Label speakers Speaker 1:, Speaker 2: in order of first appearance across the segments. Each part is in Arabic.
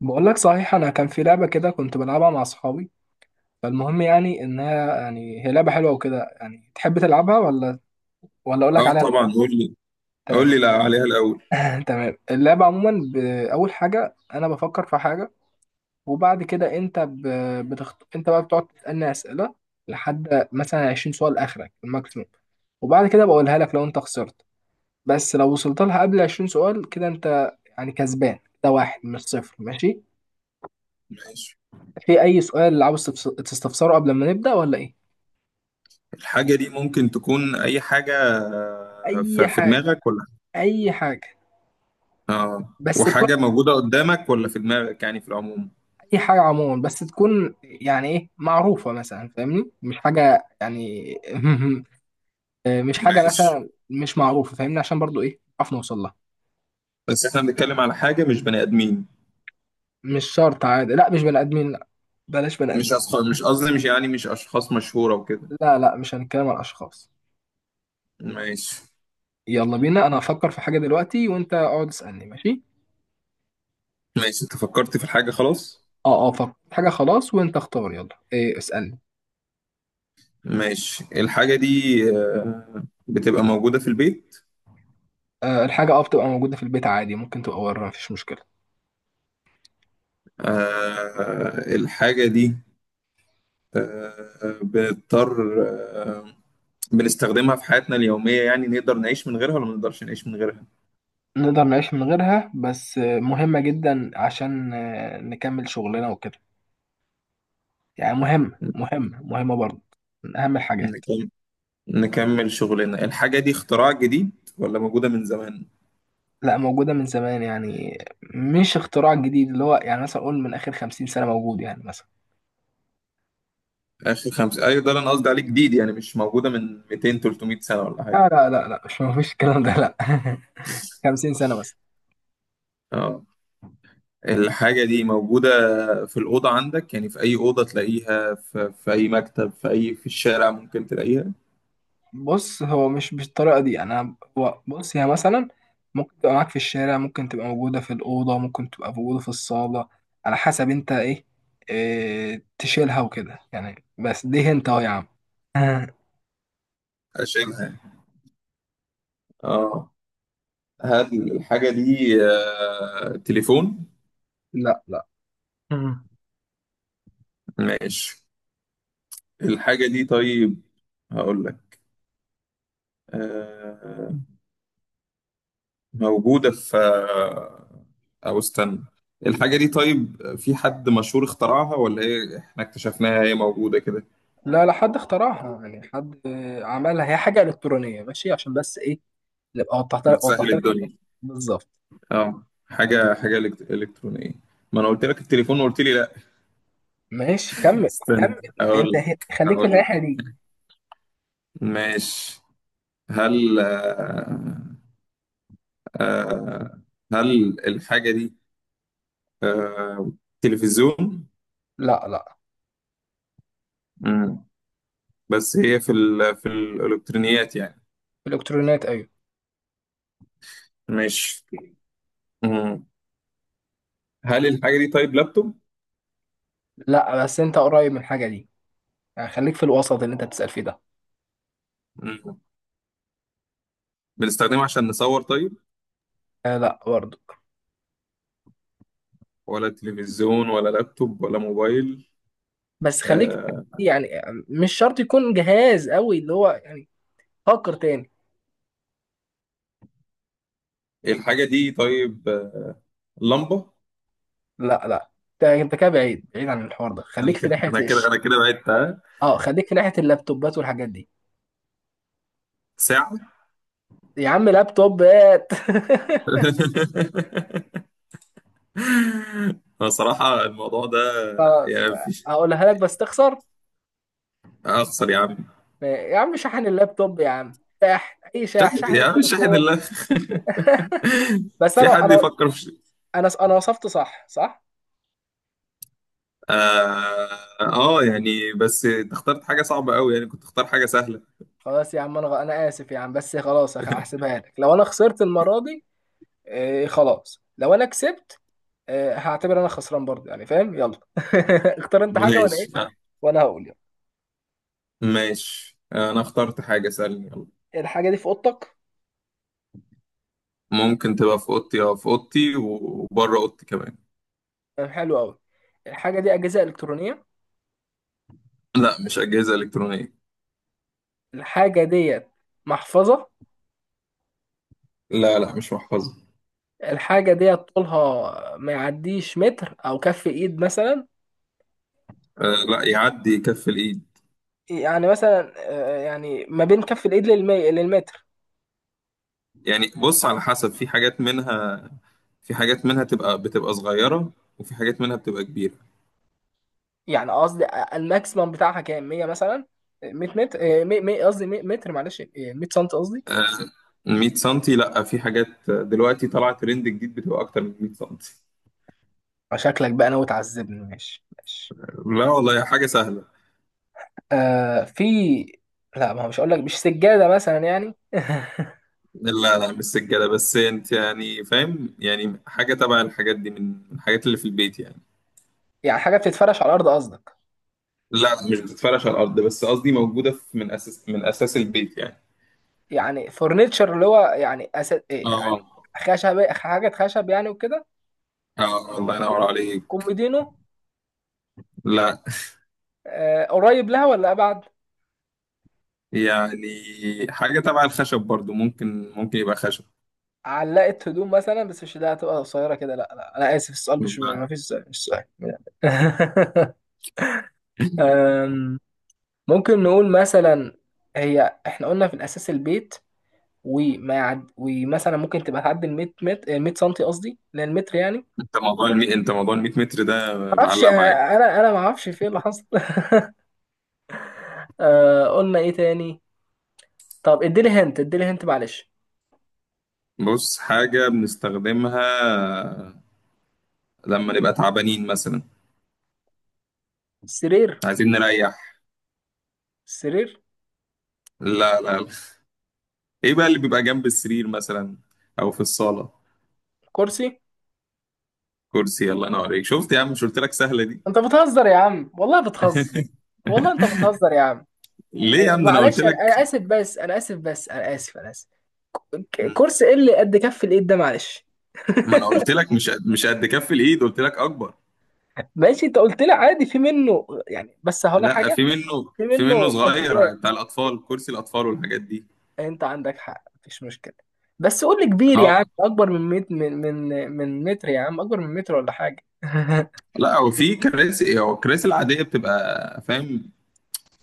Speaker 1: بقول لك، صحيح، انا كان في لعبه كده كنت بلعبها مع اصحابي. فالمهم، يعني انها يعني هي لعبه حلوه وكده، يعني تحب تلعبها ولا اقول لك
Speaker 2: اه،
Speaker 1: عليها
Speaker 2: طبعا
Speaker 1: الاول؟
Speaker 2: قول لي. قول
Speaker 1: تمام.
Speaker 2: لي لا عليها الاول.
Speaker 1: تمام. اللعبه عموما اول حاجه انا بفكر في حاجه، وبعد كده انت بقى بتقعد تسالني اسئله لحد مثلا 20 سؤال اخرك الماكسيموم، وبعد كده بقولها لك لو انت خسرت. بس لو وصلت لها قبل 20 سؤال كده، انت يعني كسبان. ده واحد مش صفر، ماشي؟
Speaker 2: ماشي،
Speaker 1: في اي سؤال عاوز تستفسره قبل ما نبدأ ولا ايه؟
Speaker 2: الحاجه دي ممكن تكون اي حاجه
Speaker 1: اي
Speaker 2: في
Speaker 1: حاجة،
Speaker 2: دماغك، ولا
Speaker 1: اي حاجة.
Speaker 2: اه
Speaker 1: بس
Speaker 2: وحاجه
Speaker 1: تكون
Speaker 2: موجوده قدامك ولا في دماغك، يعني في العموم؟
Speaker 1: اي حاجة عموما، بس تكون يعني ايه، معروفة مثلا، فاهمني، مش حاجة يعني. مش حاجة
Speaker 2: ماشي.
Speaker 1: مثلا مش معروفة، فاهمني، عشان برضو ايه، نعرف نوصل لها.
Speaker 2: بس احنا بنتكلم على حاجه مش بني ادمين،
Speaker 1: مش شرط، عادي، لا مش بني ادمين. لا، بلاش بني
Speaker 2: مش
Speaker 1: ادمين.
Speaker 2: أشخاص، مش قصدي مش يعني مش اشخاص مشهوره وكده.
Speaker 1: لا لا، مش هنتكلم عن اشخاص.
Speaker 2: ماشي.
Speaker 1: يلا بينا، انا هفكر في حاجة دلوقتي وانت اقعد اسألني، ماشي؟
Speaker 2: ماشي، انت فكرت في الحاجه خلاص.
Speaker 1: اه اه، فكر حاجة خلاص. وانت اختار، يلا إيه، اسألني.
Speaker 2: ماشي، الحاجه دي بتبقى موجوده في البيت؟
Speaker 1: آه، الحاجة بتبقى موجودة في البيت عادي، ممكن تبقى بره، مفيش مشكلة.
Speaker 2: الحاجه دي بنضطر آه، بنستخدمها في حياتنا اليومية، يعني نقدر نعيش من غيرها ولا ما نقدرش نعيش من غيرها؟
Speaker 1: نقدر نعيش من غيرها، بس مهمة جدا عشان نكمل شغلنا وكده. يعني مهمة مهمة مهمة برضه، من أهم الحاجات.
Speaker 2: نكم- نكمل شغلنا. الحاجة دي اختراع جديد ولا موجودة من زمان؟
Speaker 1: لا، موجودة من زمان، يعني مش اختراع جديد، اللي هو يعني مثلا أقول من آخر 50 سنة موجود، يعني مثلا.
Speaker 2: آخر خمسة، أيوة ده اللي أنا قصدي عليه، جديد يعني مش موجودة من 200 300 سنة ولا حاجة.
Speaker 1: لا لا لا لا، مش مفيش الكلام ده، لا. 50 سنة.
Speaker 2: اه، الحاجة دي موجودة في الأوضة عندك، يعني في أي أوضة تلاقيها، في أي مكتب، في الشارع ممكن تلاقيها،
Speaker 1: بص، هو مش بالطريقة دي، يعني أنا هو بص، هي مثلا ممكن تبقى معاك في الشارع، ممكن تبقى موجودة في الأوضة، ممكن تبقى موجودة في الصالة، على حسب أنت إيه, تشيلها وكده يعني. بس دي أنت أهو يا عم. آه.
Speaker 2: أشيلها. اه، هل الحاجة دي تليفون؟
Speaker 1: لا لا. امم
Speaker 2: ماشي، الحاجة دي طيب. هقول لك. آه، موجودة في أو استنى. الحاجة دي طيب، في حد مشهور اخترعها ولا هي احنا اكتشفناها؟ هي موجودة كده
Speaker 1: لا لا، حد اخترعها، يعني حد عملها. هي حاجة إلكترونية، ماشي؟ عشان بس إيه، نبقى
Speaker 2: بتسهل
Speaker 1: وضحت لك الموضوع.
Speaker 2: الدنيا.
Speaker 1: بالظبط.
Speaker 2: اه، حاجة إلكترونية. ما أنا قلت لك التليفون وقلت لي لا.
Speaker 1: ماشي، كمل
Speaker 2: استنى،
Speaker 1: كمل، يعني
Speaker 2: هقول
Speaker 1: أنت
Speaker 2: لك
Speaker 1: خليك في
Speaker 2: هقول لك
Speaker 1: الناحية دي.
Speaker 2: ماشي، هل آه، آه، هل الحاجة دي آه، تلفزيون؟
Speaker 1: لا لا.
Speaker 2: مم. بس هي في الالكترونيات يعني،
Speaker 1: الإلكترونيات أيوه.
Speaker 2: مش. مم. هل الحاجه دي طيب لابتوب؟
Speaker 1: لا، بس أنت قريب من الحاجة دي، خليك في الوسط اللي انت بتسأل فيه ده.
Speaker 2: مم. بنستخدمها عشان نصور طيب،
Speaker 1: آه لا برضه.
Speaker 2: ولا تلفزيون ولا لابتوب ولا موبايل؟
Speaker 1: بس خليك،
Speaker 2: آه.
Speaker 1: يعني مش شرط يكون جهاز قوي اللي هو يعني. فكر تاني.
Speaker 2: الحاجه دي طيب لمبه.
Speaker 1: لا لا، انت كده بعيد بعيد عن الحوار ده، خليك في ناحية
Speaker 2: انا كده بعدت، ها؟
Speaker 1: اه، خليك في ناحية اللابتوبات والحاجات دي.
Speaker 2: ساعه.
Speaker 1: يا عم لابتوبات.
Speaker 2: أنا صراحه الموضوع ده
Speaker 1: خلاص.
Speaker 2: يعني مفيش.
Speaker 1: هقولها لك بس تخسر.
Speaker 2: اخسر يا عم.
Speaker 1: يا عم شحن اللابتوب، يا عم شحن، اي شحن،
Speaker 2: شاهد
Speaker 1: شحن
Speaker 2: يا عم، شاهد
Speaker 1: التليفون.
Speaker 2: الله.
Speaker 1: بس
Speaker 2: في
Speaker 1: انا
Speaker 2: حد
Speaker 1: انا
Speaker 2: يفكر في
Speaker 1: انا انا وصفت صح صح.
Speaker 2: اه يعني، بس انت اخترت حاجة صعبة قوي، يعني كنت اختار حاجة سهلة.
Speaker 1: خلاص يا عم، انا اسف يا عم، بس خلاص هحسبها لك لو انا خسرت المرة دي. آه خلاص، لو انا كسبت، هعتبر انا خسران برضه، يعني فاهم؟ يلا. اختار انت حاجه وانا
Speaker 2: ماشي.
Speaker 1: ايه، وانا هقول يلا.
Speaker 2: ماشي، انا اخترت حاجة سهلة، يلا.
Speaker 1: الحاجه دي في اوضتك؟
Speaker 2: ممكن تبقى في اوضتي، في اوضتي وبره اوضتي كمان.
Speaker 1: آه، حلو قوي. الحاجه دي اجهزه الكترونيه؟
Speaker 2: لا، مش أجهزة إلكترونية.
Speaker 1: الحاجه ديت محفظه؟
Speaker 2: لا، لا، مش محفظة.
Speaker 1: الحاجه ديت طولها ما يعديش متر او كف ايد مثلا؟
Speaker 2: آه لا، يعدي كف الإيد.
Speaker 1: يعني مثلا يعني ما بين كف الايد للمتر.
Speaker 2: يعني بص، على حسب، في حاجات منها، بتبقى صغيرة، وفي حاجات منها بتبقى كبيرة.
Speaker 1: يعني قصدي، الماكسيمم بتاعها كام، 100 مثلا؟ 100 متر، قصدي 100 متر، معلش، 100 سم قصدي.
Speaker 2: آه، 100 سنتي؟ لا، في حاجات دلوقتي طلعت ترند جديد بتبقى أكتر من 100 سنتي.
Speaker 1: شكلك بقى ناوي تعذبني، ماشي ماشي.
Speaker 2: لا والله، حاجة سهلة.
Speaker 1: آه في. لا، ما هو مش هقول لك، مش سجادة مثلا يعني.
Speaker 2: لا، لا، مش سجادة، بس انت يعني فاهم، يعني حاجة تبع الحاجات دي، من الحاجات اللي في البيت يعني.
Speaker 1: يعني حاجة بتتفرش على الأرض قصدك؟
Speaker 2: لا، لا، مش بتتفرش على الأرض، بس قصدي موجودة في من أساس البيت يعني.
Speaker 1: يعني فورنيتشر، اللي هو يعني إيه يعني،
Speaker 2: اه،
Speaker 1: حاجة خشب يعني وكده.
Speaker 2: اه، الله ينور عليك.
Speaker 1: كوميدينو؟
Speaker 2: لا
Speaker 1: آه، قريب لها ولا أبعد؟
Speaker 2: يعني حاجة تبع الخشب برضو، ممكن يبقى خشب.
Speaker 1: علقة هدوم مثلا؟ بس مش ده، هتبقى قصيرة كده. لا لا أنا آسف، السؤال مش،
Speaker 2: لا،
Speaker 1: ما فيش سؤال، مش سؤال. آم، ممكن نقول مثلا، هي احنا قلنا في الأساس البيت، ومثلا ممكن تبقى تعدي ال 100 متر، 100 سنتي قصدي للمتر، يعني ما
Speaker 2: انت انت موضوع ال 100 متر ده
Speaker 1: اعرفش،
Speaker 2: معلق معاك.
Speaker 1: انا ما اعرفش في ايه اللي حصل. قلنا ايه تاني؟ طب اديلي هنت، اديلي هنت معلش.
Speaker 2: بص، حاجة بنستخدمها لما نبقى تعبانين مثلا،
Speaker 1: سرير.
Speaker 2: عايزين نريح.
Speaker 1: سرير.
Speaker 2: لا، لا، ايه بقى اللي بيبقى جنب السرير مثلا، او في الصاله؟
Speaker 1: كرسي.
Speaker 2: كرسي. يلا، انا اوريك. شفت يا عم؟ مش قلت لك سهله دي؟
Speaker 1: انت بتهزر يا عم، والله بتهزر. والله انت بتهزر يا عم.
Speaker 2: ليه يا عم؟ ده انا
Speaker 1: ومعلش،
Speaker 2: قلت
Speaker 1: انا
Speaker 2: لك.
Speaker 1: اسف، بس انا اسف، بس انا اسف، انا اسف. كرسي ايه اللي قد كف الايد ده؟ معلش.
Speaker 2: ما انا قلت لك مش قد كف الايد، قلت لك اكبر.
Speaker 1: ماشي، انت قلت لي عادي في منه يعني، بس هقول لك
Speaker 2: لا،
Speaker 1: حاجه، في
Speaker 2: في منه
Speaker 1: منه
Speaker 2: صغير
Speaker 1: انتيكات،
Speaker 2: بتاع الاطفال، كرسي الاطفال والحاجات دي.
Speaker 1: انت عندك حق، مفيش مشكله. بس قول لي كبير يا
Speaker 2: اه،
Speaker 1: عم، اكبر من من متر يا عم، اكبر من متر ولا حاجه.
Speaker 2: لا هو في كراسي هو الكراسي العاديه بتبقى، فاهم؟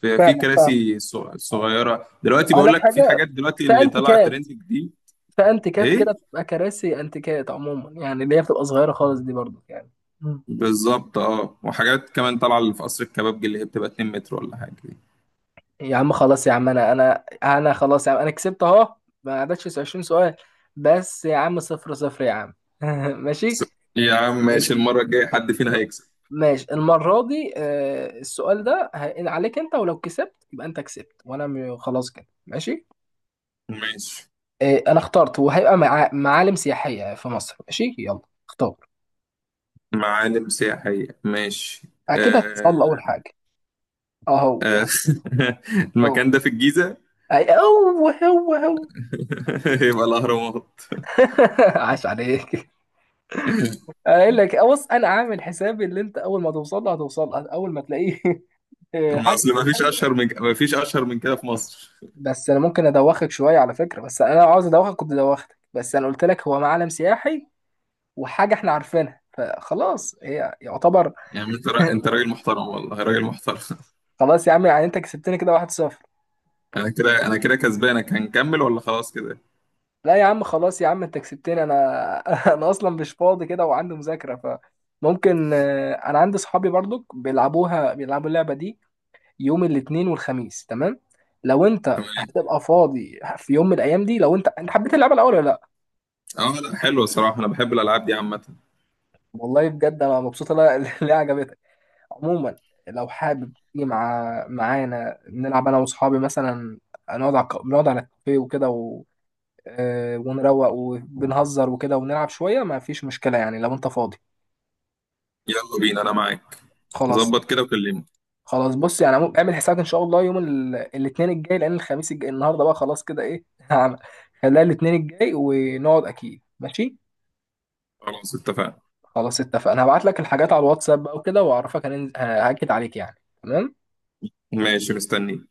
Speaker 2: في
Speaker 1: فاهمك، فاهم.
Speaker 2: كراسي صغيره دلوقتي،
Speaker 1: اقول
Speaker 2: بقول
Speaker 1: لك
Speaker 2: لك في
Speaker 1: حاجه،
Speaker 2: حاجات دلوقتي
Speaker 1: في
Speaker 2: اللي طلعت
Speaker 1: انتيكات،
Speaker 2: ترند جديد.
Speaker 1: في انتيكات كده
Speaker 2: ايه،
Speaker 1: بتبقى كراسي انتيكات عموما، يعني اللي هي بتبقى صغيره خالص دي برضو يعني. مم.
Speaker 2: بالظبط، اه وحاجات كمان طالعه اللي في قصر الكبابجي، اللي هي بتبقى 2 متر ولا حاجه دي.
Speaker 1: يا عم خلاص، يا عم انا خلاص يا عم، انا كسبت اهو، ما عدتش 20 سؤال، بس يا عم صفر صفر يا عم. ماشي.
Speaker 2: يا عم ماشي، المره الجايه حد فينا هيكسب.
Speaker 1: ماشي المرة دي، السؤال ده هينقل عليك انت، ولو كسبت يبقى انت كسبت وانا خلاص كده، ماشي.
Speaker 2: ماشي،
Speaker 1: انا اخترت، وهيبقى معالم سياحية في مصر، ماشي؟ يلا اختار.
Speaker 2: معالم سياحيه ماشي.
Speaker 1: اكيد
Speaker 2: آه،
Speaker 1: هتسأل اول حاجة. اهو
Speaker 2: آه.
Speaker 1: اهو اهو.
Speaker 2: المكان ده في الجيزه؟
Speaker 1: اي اهو اهو اهو.
Speaker 2: يبقى الاهرامات.
Speaker 1: عاش عليك. اقول لك، بص انا عامل حسابي، اللي انت اول ما توصل له، هتوصل له اول ما تلاقيه.
Speaker 2: ما
Speaker 1: حاجة
Speaker 2: اصل ما فيش اشهر
Speaker 1: سياحية.
Speaker 2: من، كده في مصر.
Speaker 1: بس انا ممكن ادوخك شوية على فكرة، بس انا لو عاوز ادوخك كنت دوختك، بس انا قلت لك هو معلم سياحي وحاجه احنا عارفينها فخلاص، هي يعتبر.
Speaker 2: يعني انت انت راجل محترم، والله راجل محترم.
Speaker 1: خلاص يا عم، يعني انت كسبتني كده، 1-0.
Speaker 2: انا كده انا كده كسبانك، هنكمل ولا خلاص كده؟
Speaker 1: لا يا عم خلاص يا عم، انت كسبتني انا. انا اصلا مش فاضي كده، وعندي مذاكره، فممكن، انا عندي صحابي برضك بيلعبوها، بيلعبوا اللعبه دي يوم الاثنين والخميس، تمام؟ لو انت
Speaker 2: تمام.
Speaker 1: هتبقى فاضي في يوم من الايام دي، لو انت حبيت اللعبه الاول ولا لا.
Speaker 2: اه لا، حلو الصراحه، انا بحب الالعاب دي عامه.
Speaker 1: والله بجد انا مبسوط إن انا، اللي عجبتك. عموما، لو حابب تيجي معانا نلعب انا واصحابي مثلا، نقعد على الكافيه وكده ونروق وبنهزر وكده ونلعب شويه، ما فيش مشكله، يعني لو انت فاضي.
Speaker 2: يلا بينا، انا معاك.
Speaker 1: خلاص.
Speaker 2: ظبط كده وكلمني.
Speaker 1: خلاص بص، يعني اعمل حسابك ان شاء الله يوم الاثنين الجاي، لان الخميس الجاي النهارده بقى خلاص كده ايه. هعمل، خليها الاثنين الجاي ونقعد اكيد، ماشي؟
Speaker 2: خلاص اتفقنا.
Speaker 1: خلاص اتفقنا. هبعت لك الحاجات على الواتساب بقى وكده، واعرفك هننزل، هاكد عليك يعني. تمام.
Speaker 2: ماشي، مستني.